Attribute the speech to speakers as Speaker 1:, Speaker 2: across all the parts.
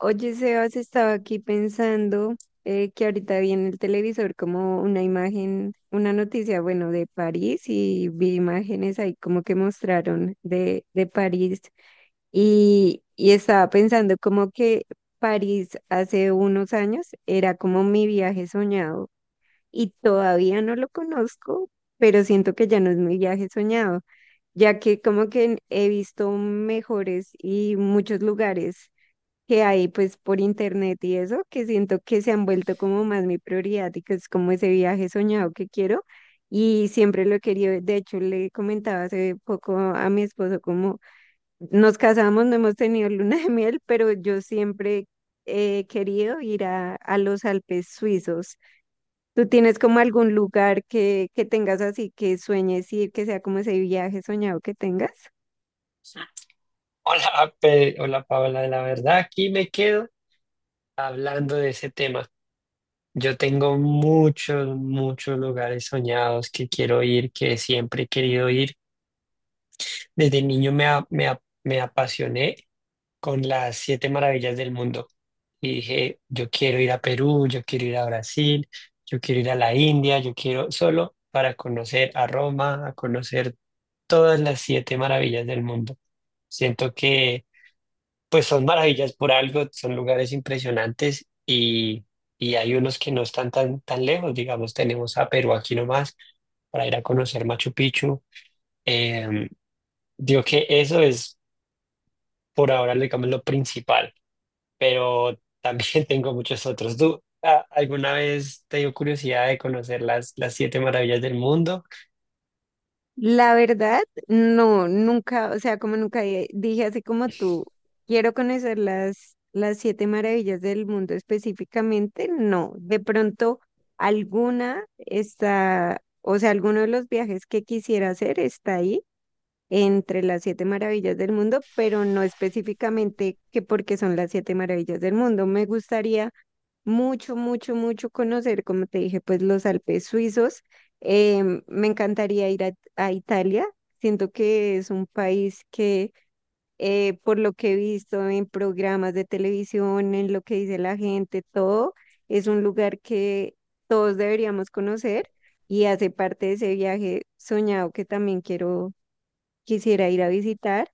Speaker 1: Oye, Sebas, estaba aquí pensando, que ahorita vi en el televisor como una imagen, una noticia, bueno, de París, y vi imágenes ahí como que mostraron de París. Y, y estaba pensando como que París hace unos años era como mi viaje soñado y todavía no lo conozco, pero siento que ya no es mi viaje soñado, ya que como que he visto mejores y muchos lugares que hay pues por internet y eso, que siento que se han vuelto como más mi prioridad y que es como ese viaje soñado que quiero y siempre lo he querido. De hecho, le comentaba hace poco a mi esposo como nos casamos, no hemos tenido luna de miel, pero yo siempre he querido ir a los Alpes suizos. ¿Tú tienes como algún lugar que tengas así que sueñes ir, que sea como ese viaje soñado que tengas?
Speaker 2: Hola, hola Paola, la verdad aquí me quedo hablando de ese tema. Yo tengo muchos, muchos lugares soñados que quiero ir, que siempre he querido ir. Desde niño me apasioné con las siete maravillas del mundo y dije, yo quiero ir a Perú, yo quiero ir a Brasil, yo quiero ir a la India, yo quiero solo para conocer a Roma, a conocer todas las siete maravillas del mundo. Siento que pues son maravillas por algo, son lugares impresionantes y hay unos que no están tan, tan lejos, digamos, tenemos a Perú aquí nomás para ir a conocer Machu Picchu. Eh, digo que eso es por ahora, digamos, lo principal, pero también tengo muchos otros. ¿Tú alguna vez te dio curiosidad de conocer las siete maravillas del mundo?
Speaker 1: La verdad, no, nunca, o sea, como nunca dije así como tú, quiero conocer las siete maravillas del mundo específicamente, no, de pronto alguna está, o sea, alguno de los viajes que quisiera hacer está ahí entre las siete maravillas del mundo, pero no específicamente que porque son las siete maravillas del mundo. Me gustaría mucho, mucho, mucho conocer, como te dije, pues los Alpes suizos. Me encantaría ir a Italia. Siento que es un país que, por lo que he visto en programas de televisión, en lo que dice la gente, todo, es un lugar que todos deberíamos conocer y hace parte de ese viaje soñado que también quiero, quisiera ir a visitar.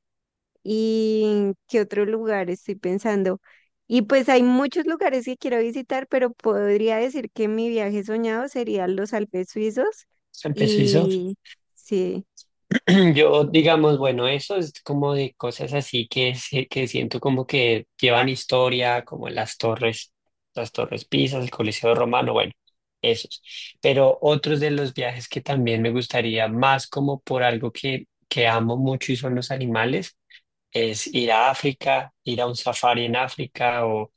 Speaker 1: Y qué otro lugar estoy pensando. Y pues hay muchos lugares que quiero visitar, pero podría decir que mi viaje soñado sería los Alpes suizos.
Speaker 2: ¿Empezó eso?
Speaker 1: Y sí,
Speaker 2: Yo, digamos, bueno, eso es como de cosas así que, que siento como que llevan historia, como las torres Pisas, el Coliseo Romano, bueno, esos. Pero otros de los viajes que también me gustaría, más como por algo que amo mucho y son los animales, es ir a África, ir a un safari en África o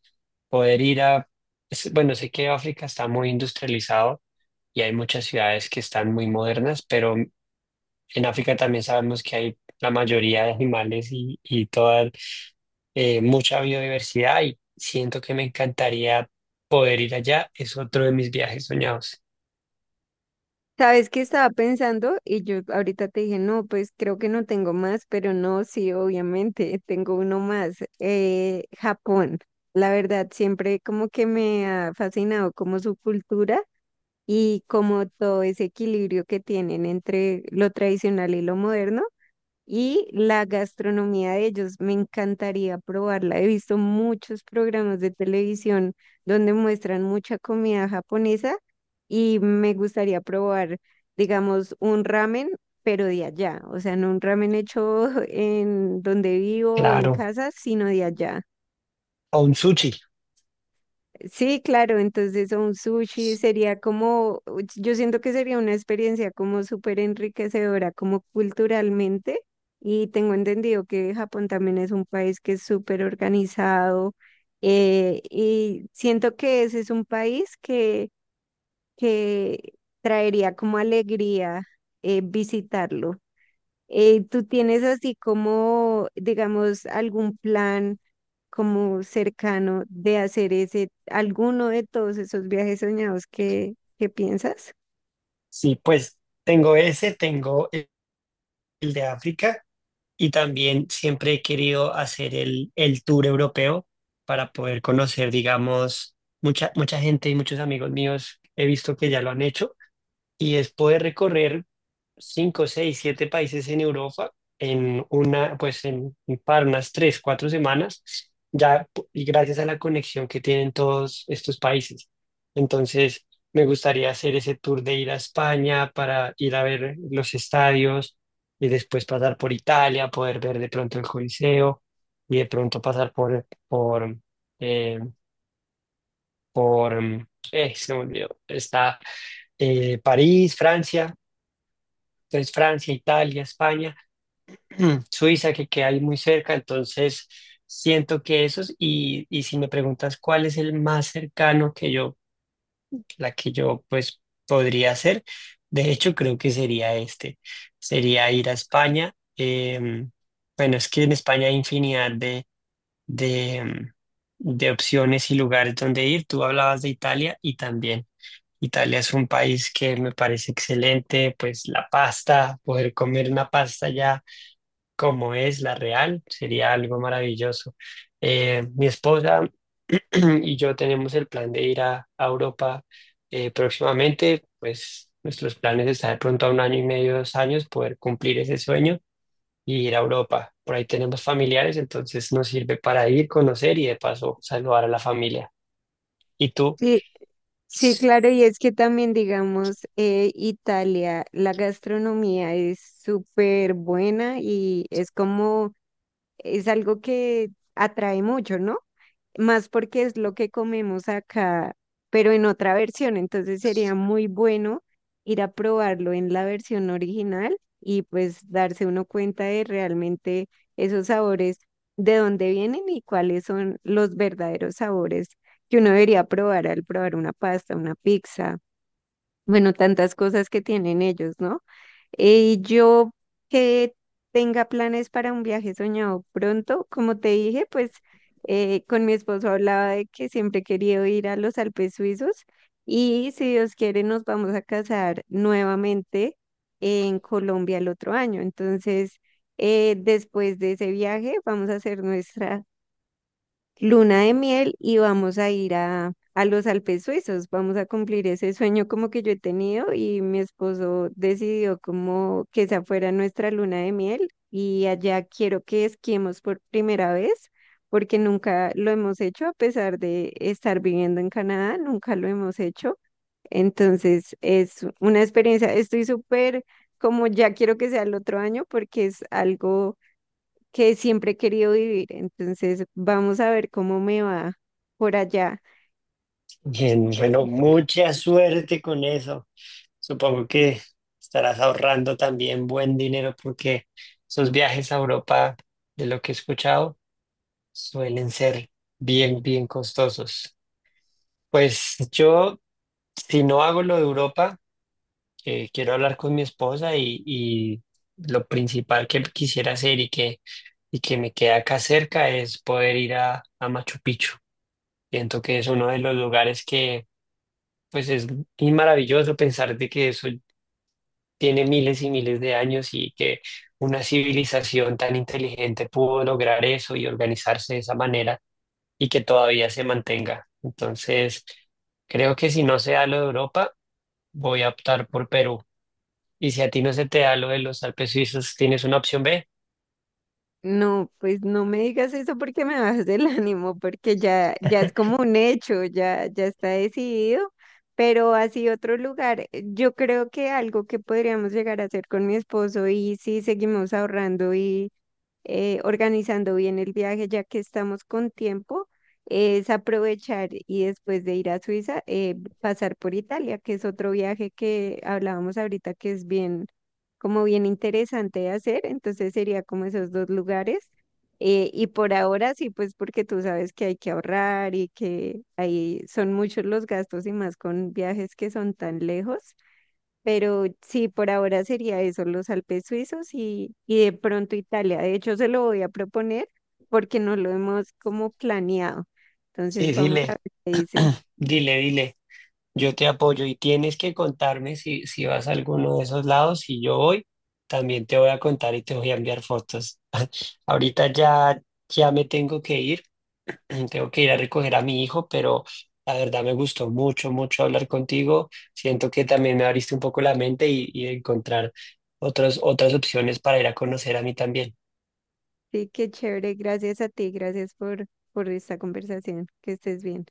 Speaker 2: poder ir a, bueno, sé que África está muy industrializado y hay muchas ciudades que están muy modernas, pero en África también sabemos que hay la mayoría de animales y toda mucha biodiversidad y siento que me encantaría poder ir allá. Es otro de mis viajes soñados.
Speaker 1: ¿sabes qué estaba pensando? Y yo ahorita te dije, no, pues creo que no tengo más, pero no, sí, obviamente, tengo uno más, Japón. La verdad, siempre como que me ha fascinado como su cultura y como todo ese equilibrio que tienen entre lo tradicional y lo moderno. Y la gastronomía de ellos, me encantaría probarla. He visto muchos programas de televisión donde muestran mucha comida japonesa y me gustaría probar, digamos, un ramen, pero de allá. O sea, no un ramen hecho en donde vivo o en
Speaker 2: Claro,
Speaker 1: casa, sino de allá.
Speaker 2: a un sushi.
Speaker 1: Sí, claro, entonces un sushi sería como, yo siento que sería una experiencia como súper enriquecedora, como culturalmente, y tengo entendido que Japón también es un país que es súper organizado, y siento que ese es un país que traería como alegría visitarlo. ¿Tú tienes así como, digamos, algún plan, como cercano de hacer ese, alguno de todos esos viajes soñados que piensas?
Speaker 2: Sí, pues tengo ese, tengo el de África y también siempre he querido hacer el tour europeo para poder conocer, digamos, mucha, mucha gente y muchos amigos míos he visto que ya lo han hecho y es poder recorrer. Cinco, 6, 7 países en Europa en una, pues en, para unas 3, 4 semanas, y gracias a la conexión que tienen todos estos países. Entonces, me gustaría hacer ese tour de ir a España para ir a ver los estadios y después pasar por Italia, poder ver de pronto el Coliseo y de pronto pasar eh, por, mm, se me olvidó, está París, Francia, entonces Francia, Italia, España Suiza, que queda ahí muy cerca, entonces siento que esos, y si me preguntas cuál es el más cercano la que yo pues podría hacer, de hecho creo que sería este, sería ir a España, bueno, es que en España hay infinidad de, em, de opciones y lugares donde ir, tú hablabas de Italia y también. Italia es un país que me parece excelente, pues la pasta, poder comer una pasta ya como es la real, sería algo maravilloso. Mi esposa y yo tenemos el plan de ir a, Europa próximamente, pues nuestros planes están de pronto a un año y medio, 2 años, poder cumplir ese sueño y ir a Europa. Por ahí tenemos familiares, entonces nos sirve para ir, conocer y de paso saludar a la familia. ¿Y tú?
Speaker 1: Sí, sí, claro, y es que también, digamos, Italia, la gastronomía es súper buena y es como, es algo que atrae mucho, ¿no? Más porque es lo que comemos acá, pero en otra versión. Entonces sería muy bueno ir a probarlo en la versión original y pues darse uno cuenta de realmente esos sabores, de dónde vienen y cuáles son los verdaderos sabores que uno debería probar al probar una pasta, una pizza, bueno, tantas cosas que tienen ellos, ¿no? Yo que tenga planes para un viaje soñado pronto, como te dije, pues con mi esposo hablaba de que siempre he querido ir a los Alpes suizos, y si Dios quiere nos vamos a casar nuevamente en Colombia el otro año. Entonces, después de ese viaje vamos a hacer nuestra luna de miel y vamos a ir a los Alpes suizos, vamos a cumplir ese sueño como que yo he tenido y mi esposo decidió como que esa fuera nuestra luna de miel y allá quiero que esquiemos por primera vez, porque nunca lo hemos hecho a pesar de estar viviendo en Canadá, nunca lo hemos hecho. Entonces es una experiencia, estoy súper como ya quiero que sea el otro año porque es algo que siempre he querido vivir. Entonces, vamos a ver cómo me va por allá.
Speaker 2: Bien, bueno, mucha suerte con eso. Supongo que estarás ahorrando también buen dinero porque esos viajes a Europa, de lo que he escuchado, suelen ser bien, bien costosos. Pues yo, si no hago lo de Europa, quiero hablar con mi esposa y lo principal que quisiera hacer y que me queda acá cerca es poder ir a Machu Picchu. Siento que es uno de los lugares que, pues es y maravilloso pensar de que eso tiene miles y miles de años y que una civilización tan inteligente pudo lograr eso y organizarse de esa manera y que todavía se mantenga. Entonces, creo que si no se da lo de Europa, voy a optar por Perú. Y si a ti no se te da lo de los Alpes suizos, ¿tienes una opción B?
Speaker 1: No, pues no me digas eso porque me bajas del ánimo, porque ya, ya es como un hecho, ya, ya está decidido. Pero así otro lugar, yo creo que algo que podríamos llegar a hacer con mi esposo y si seguimos ahorrando y organizando bien el viaje, ya que estamos con tiempo, es aprovechar y después de ir a Suiza, pasar por Italia, que es otro viaje que hablábamos ahorita que es bien, como bien interesante de hacer. Entonces sería como esos dos lugares. Y por ahora sí, pues porque tú sabes que hay que ahorrar y que ahí son muchos los gastos y más con viajes que son tan lejos. Pero sí, por ahora sería eso, los Alpes suizos y de pronto Italia. De hecho, se lo voy a proponer porque no lo hemos como planeado.
Speaker 2: Sí,
Speaker 1: Entonces, vamos a
Speaker 2: dile,
Speaker 1: ver qué dice.
Speaker 2: dile, dile. Yo te apoyo y tienes que contarme si vas a alguno de esos lados. Si yo voy, también te voy a contar y te voy a enviar fotos. Ahorita ya, ya me tengo que ir. Tengo que ir a recoger a mi hijo, pero la verdad me gustó mucho, mucho hablar contigo. Siento que también me abriste un poco la mente y encontrar otras opciones para ir a conocer a mí también.
Speaker 1: Sí, qué chévere. Gracias a ti, gracias por esta conversación. Que estés bien.